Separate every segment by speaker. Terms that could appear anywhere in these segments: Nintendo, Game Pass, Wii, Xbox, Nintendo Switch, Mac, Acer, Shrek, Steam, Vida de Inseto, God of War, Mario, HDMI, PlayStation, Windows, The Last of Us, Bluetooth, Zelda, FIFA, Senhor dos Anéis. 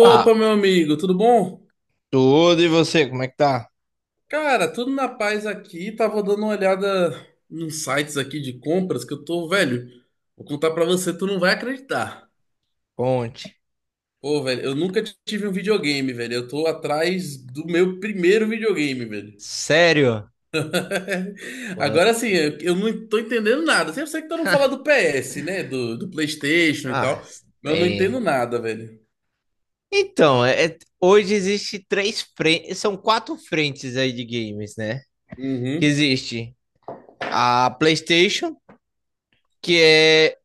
Speaker 1: Tá,
Speaker 2: meu amigo, tudo bom?
Speaker 1: tudo e você, como é que tá?
Speaker 2: Cara, tudo na paz aqui. Tava dando uma olhada nos sites aqui de compras que eu tô, velho. Vou contar pra você, tu não vai acreditar.
Speaker 1: Conte.
Speaker 2: Pô, velho, eu nunca tive um videogame, velho. Eu tô atrás do meu primeiro videogame, velho.
Speaker 1: Sério? What?
Speaker 2: Agora assim, eu não tô entendendo nada. Eu sei que tu não fala do PS, né? Do PlayStation e
Speaker 1: Ah,
Speaker 2: tal. Mas eu não
Speaker 1: é.
Speaker 2: entendo nada, velho.
Speaker 1: Então, hoje existe três frentes, são quatro frentes aí de games, né? Que
Speaker 2: Uhum,
Speaker 1: existe a PlayStation, que é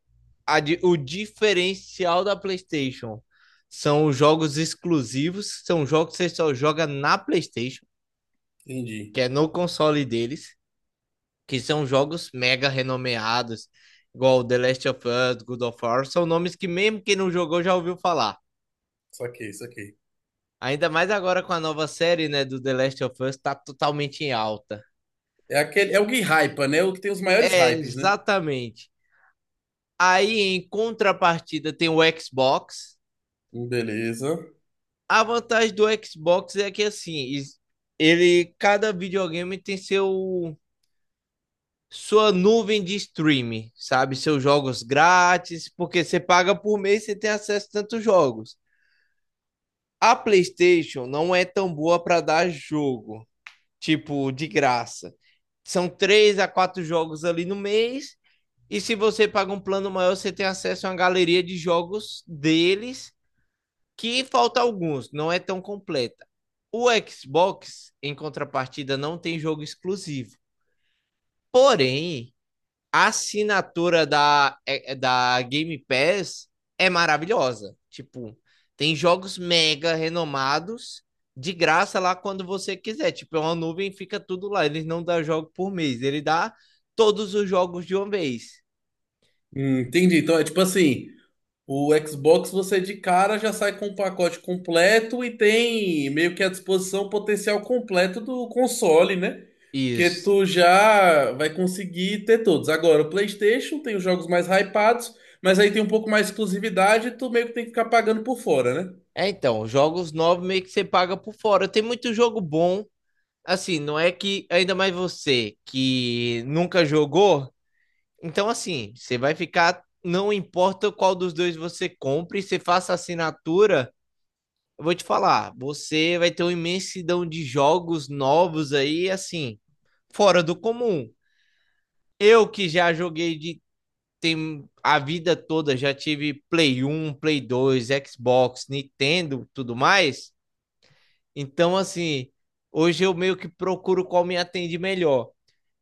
Speaker 1: a o diferencial da PlayStation. São os jogos exclusivos, são jogos que você só joga na PlayStation,
Speaker 2: entendi.
Speaker 1: que é no console deles. Que são jogos mega renomeados, igual The Last of Us, God of War, são nomes que mesmo quem não jogou já ouviu falar.
Speaker 2: Saquei, saquei.
Speaker 1: Ainda mais agora com a nova série, né, do The Last of Us, tá totalmente em alta.
Speaker 2: É aquele, é o que hypa, né? O que tem os maiores
Speaker 1: É,
Speaker 2: hypes, né?
Speaker 1: exatamente. Aí, em contrapartida, tem o Xbox.
Speaker 2: Beleza.
Speaker 1: A vantagem do Xbox é que, assim, ele, cada videogame tem seu sua nuvem de streaming, sabe? Seus jogos grátis, porque você paga por mês e você tem acesso a tantos jogos. A PlayStation não é tão boa para dar jogo, tipo, de graça. São três a quatro jogos ali no mês. E se você paga um plano maior, você tem acesso a uma galeria de jogos deles, que falta alguns, não é tão completa. O Xbox, em contrapartida, não tem jogo exclusivo. Porém, a assinatura da Game Pass é maravilhosa. Tipo, tem jogos mega renomados de graça lá quando você quiser. Tipo, é uma nuvem, fica tudo lá. Eles não dá jogo por mês, ele dá todos os jogos de uma vez.
Speaker 2: Entendi. Então é tipo assim, o Xbox você de cara já sai com o pacote completo e tem meio que a disposição o potencial completo do console, né? Porque
Speaker 1: Isso.
Speaker 2: tu já vai conseguir ter todos. Agora, o PlayStation tem os jogos mais hypados, mas aí tem um pouco mais de exclusividade e tu meio que tem que ficar pagando por fora, né?
Speaker 1: É, então, jogos novos meio que você paga por fora. Tem muito jogo bom. Assim, não é que ainda mais você que nunca jogou, então, assim, você vai ficar. Não importa qual dos dois você compre, você faça assinatura. Eu vou te falar, você vai ter uma imensidão de jogos novos aí, assim, fora do comum. Eu que já joguei de tem a vida toda, já tive Play 1, Play 2, Xbox, Nintendo, tudo mais. Então, assim, hoje eu meio que procuro qual me atende melhor.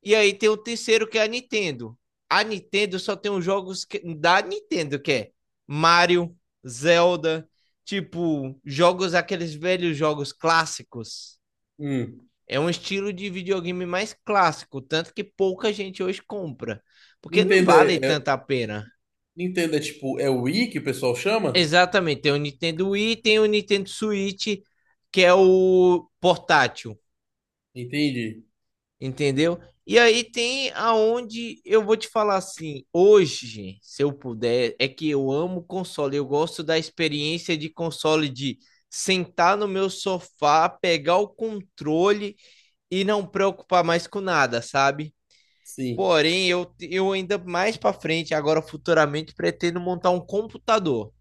Speaker 1: E aí tem o terceiro, que é a Nintendo. A Nintendo só tem os jogos da Nintendo, que é Mario, Zelda, tipo, jogos, aqueles velhos jogos clássicos.
Speaker 2: Hum.
Speaker 1: É um estilo de videogame mais clássico, tanto que pouca gente hoje compra, porque não
Speaker 2: Nintendo
Speaker 1: vale
Speaker 2: é, é-
Speaker 1: tanta pena.
Speaker 2: Nintendo é tipo, é o Wii que o pessoal chama?
Speaker 1: Exatamente, tem o Nintendo Wii, tem o Nintendo Switch, que é o portátil.
Speaker 2: Entendi.
Speaker 1: Entendeu? E aí tem aonde eu vou te falar assim, hoje, gente, se eu puder, é que eu amo console, eu gosto da experiência de console de sentar no meu sofá, pegar o controle e não preocupar mais com nada, sabe?
Speaker 2: Sim.
Speaker 1: Porém, eu ainda mais para frente, agora futuramente, pretendo montar um computador,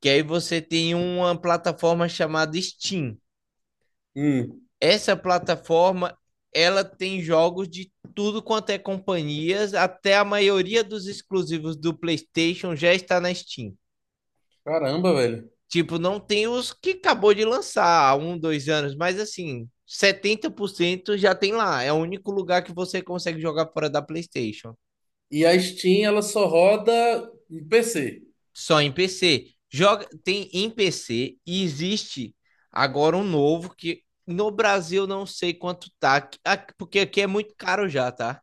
Speaker 1: que aí você tem uma plataforma chamada Steam.
Speaker 2: Hum.
Speaker 1: Essa plataforma ela tem jogos de tudo quanto é companhias, até a maioria dos exclusivos do PlayStation já está na Steam.
Speaker 2: Caramba, velho.
Speaker 1: Tipo, não tem os que acabou de lançar há um, dois anos, mas assim, 70% já tem lá. É o único lugar que você consegue jogar fora da PlayStation.
Speaker 2: E a Steam, ela só roda em PC.
Speaker 1: Só em PC. Joga, tem em PC e existe agora um novo que no Brasil não sei quanto tá, porque aqui é muito caro já, tá?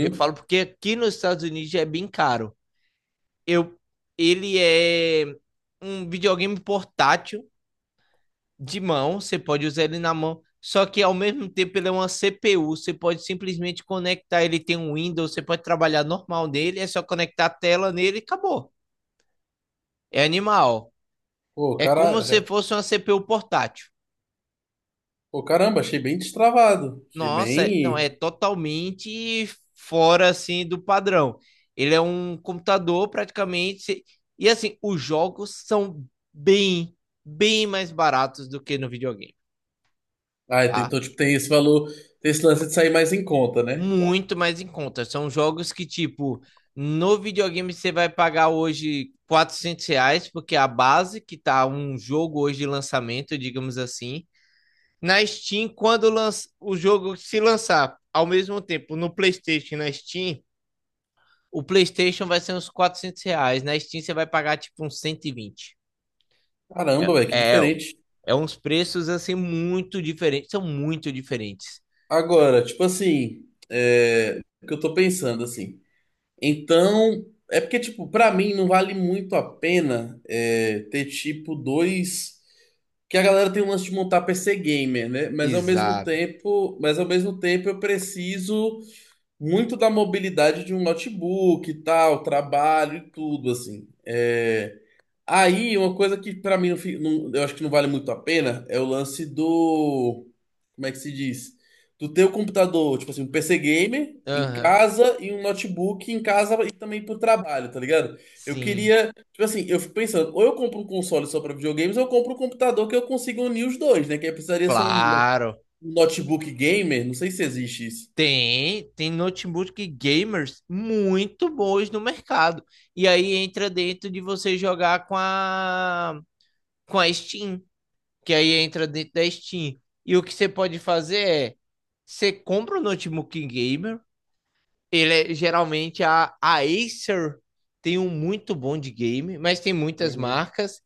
Speaker 1: Eu falo porque aqui nos Estados Unidos é bem caro. Eu, ele é um videogame portátil de mão, você pode usar ele na mão, só que ao mesmo tempo ele é uma CPU, você pode simplesmente conectar, ele tem um Windows, você pode trabalhar normal nele, é só conectar a tela nele e acabou. É animal.
Speaker 2: Pô,
Speaker 1: É como se
Speaker 2: cara.
Speaker 1: fosse uma CPU portátil.
Speaker 2: Pô, caramba, achei bem destravado. Achei
Speaker 1: Nossa, não, é
Speaker 2: bem.
Speaker 1: totalmente fora assim do padrão. Ele é um computador praticamente e assim, os jogos são bem, bem mais baratos do que no videogame, tá?
Speaker 2: Então, tipo, tem esse valor. Tem esse lance de sair mais em conta, né?
Speaker 1: Muito mais em conta. São jogos que tipo, no videogame você vai pagar hoje R$ 400, porque a base que tá um jogo hoje de lançamento, digamos assim, na Steam, quando lança, o jogo se lançar ao mesmo tempo no PlayStation e na Steam, o PlayStation vai ser uns R$ 400. Na Steam você vai pagar tipo uns 120. É,
Speaker 2: Caramba, velho, que
Speaker 1: é,
Speaker 2: diferente.
Speaker 1: é uns preços assim muito diferentes. São muito diferentes.
Speaker 2: Agora, tipo assim. É. O que eu tô pensando, assim. Então. É porque, tipo, pra mim não vale muito a pena é, ter, tipo, dois. Que a galera tem um lance de montar PC gamer, né? Mas ao mesmo
Speaker 1: Exato.
Speaker 2: tempo, mas ao mesmo tempo eu preciso muito da mobilidade de um notebook e tal, trabalho e tudo, assim. É, aí, uma coisa que pra mim eu acho que não vale muito a pena é o lance do. Como é que se diz? Do teu computador, tipo assim, um PC gamer em
Speaker 1: Aham,
Speaker 2: casa e um notebook em casa e também pro trabalho, tá ligado? Eu
Speaker 1: sim,
Speaker 2: queria, tipo assim, eu fico pensando, ou eu compro um console só pra videogames, ou eu compro um computador que eu consiga unir os dois, né? Que aí precisaria ser um, no-
Speaker 1: claro.
Speaker 2: um notebook gamer, não sei se existe isso.
Speaker 1: Tem, tem notebook gamers muito bons no mercado. E aí entra dentro de você jogar com a Steam, que aí entra dentro da Steam. E o que você pode fazer é você compra um notebook gamer, ele é, geralmente a Acer tem um muito bom de game, mas tem muitas
Speaker 2: Uhum.
Speaker 1: marcas.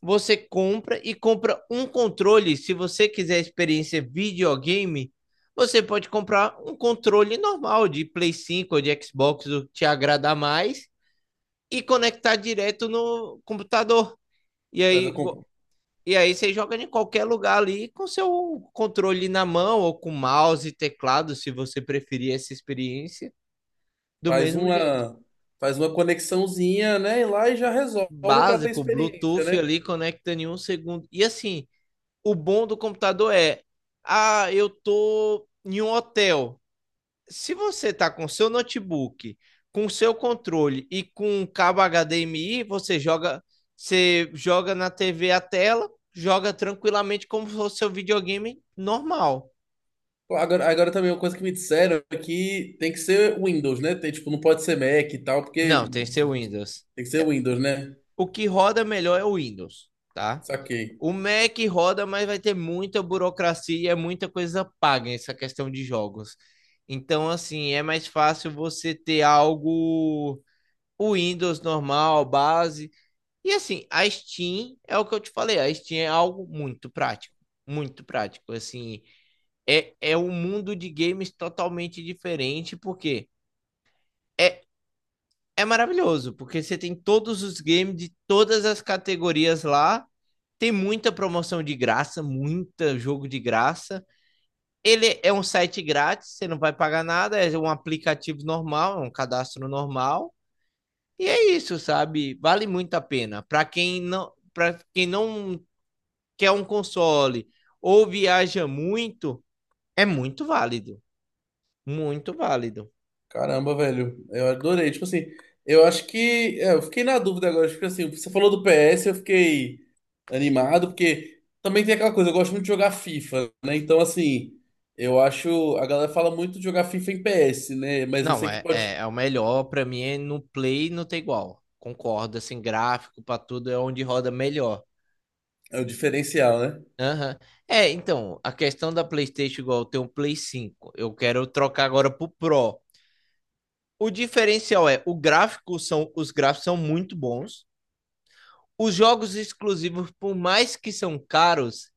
Speaker 1: Você compra e compra um controle. Se você quiser experiência videogame, você pode comprar um controle normal de Play 5 ou de Xbox, o que te agradar mais, e conectar direto no computador. E
Speaker 2: Faz a,
Speaker 1: aí, e aí você joga em qualquer lugar ali com seu controle na mão ou com mouse e teclado, se você preferir essa experiência, do
Speaker 2: faz
Speaker 1: mesmo jeito.
Speaker 2: uma, faz uma conexãozinha, né? E lá e já resolve para ter
Speaker 1: Básico,
Speaker 2: experiência,
Speaker 1: Bluetooth
Speaker 2: né?
Speaker 1: ali, conecta em um segundo. E assim, o bom do computador é, ah, eu tô em um hotel. Se você tá com seu notebook, com seu controle e com um cabo HDMI, você joga na TV a tela, joga tranquilamente como se fosse seu videogame normal.
Speaker 2: Pô, agora também uma coisa que me disseram é que tem que ser Windows, né? Tem, tipo, não pode ser Mac e tal,
Speaker 1: Não,
Speaker 2: porque
Speaker 1: tem seu Windows.
Speaker 2: tem que ser
Speaker 1: É,
Speaker 2: Windows, né?
Speaker 1: o que roda melhor é o Windows, tá?
Speaker 2: Saquei.
Speaker 1: O Mac roda, mas vai ter muita burocracia, muita coisa paga essa questão de jogos. Então, assim, é mais fácil você ter algo o Windows normal, base. E assim, a Steam é o que eu te falei, a Steam é algo muito prático, muito prático. Assim, é um mundo de games totalmente diferente, porque é, é maravilhoso, porque você tem todos os games de todas as categorias lá. Tem muita promoção de graça, muita jogo de graça. Ele é um site grátis, você não vai pagar nada, é um aplicativo normal, é um cadastro normal. E é isso, sabe? Vale muito a pena. Para quem não quer um console ou viaja muito, é muito válido, muito válido.
Speaker 2: Caramba, velho, eu adorei. Tipo assim, eu acho que é, eu fiquei na dúvida agora. Tipo assim, você falou do PS, eu fiquei animado, porque também tem aquela coisa, eu gosto muito de jogar FIFA, né? Então, assim, eu acho. A galera fala muito de jogar FIFA em PS, né? Mas eu
Speaker 1: Não,
Speaker 2: sei que
Speaker 1: é, é,
Speaker 2: pode.
Speaker 1: é o melhor pra mim é no Play não tem igual. Concordo, assim, gráfico pra tudo é onde roda melhor.
Speaker 2: É o diferencial, né?
Speaker 1: Aham. É, então, a questão da PlayStation igual eu tenho um Play 5, eu quero trocar agora pro Pro. O diferencial é, o gráfico os gráficos são muito bons. Os jogos exclusivos, por mais que são caros,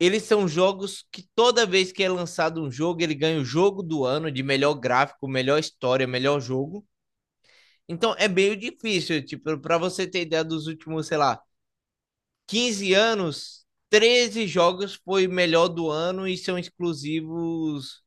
Speaker 1: eles são jogos que toda vez que é lançado um jogo, ele ganha o jogo do ano de melhor gráfico, melhor história, melhor jogo. Então é meio difícil, tipo, para você ter ideia dos últimos, sei lá, 15 anos, 13 jogos foi melhor do ano e são exclusivos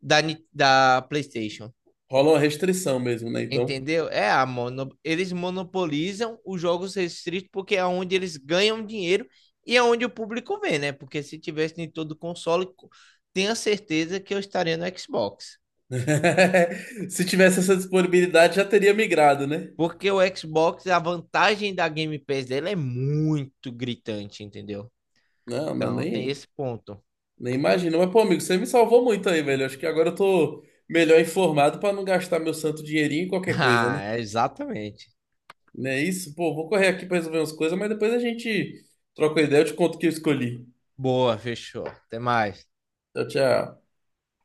Speaker 1: da, da PlayStation.
Speaker 2: Rola uma restrição mesmo, né? Então.
Speaker 1: Entendeu? É a mono... eles monopolizam os jogos restritos porque é onde eles ganham dinheiro e é onde o público vê, né? Porque se tivesse em todo console, tenha certeza que eu estaria no Xbox.
Speaker 2: Se tivesse essa disponibilidade, já teria migrado, né?
Speaker 1: Porque o Xbox, a vantagem da Game Pass dela é muito gritante, entendeu?
Speaker 2: Não, não,
Speaker 1: Então tem
Speaker 2: nem.
Speaker 1: esse ponto.
Speaker 2: Nem imagino. Mas, pô, amigo, você me salvou muito aí, velho. Acho que agora eu tô melhor informado pra não gastar meu santo dinheirinho em qualquer coisa,
Speaker 1: Ah,
Speaker 2: né?
Speaker 1: é exatamente.
Speaker 2: Não é isso? Pô, vou correr aqui pra resolver umas coisas, mas depois a gente troca uma ideia, eu te conto o que eu escolhi.
Speaker 1: Boa, fechou. Até mais.
Speaker 2: Tchau, tchau.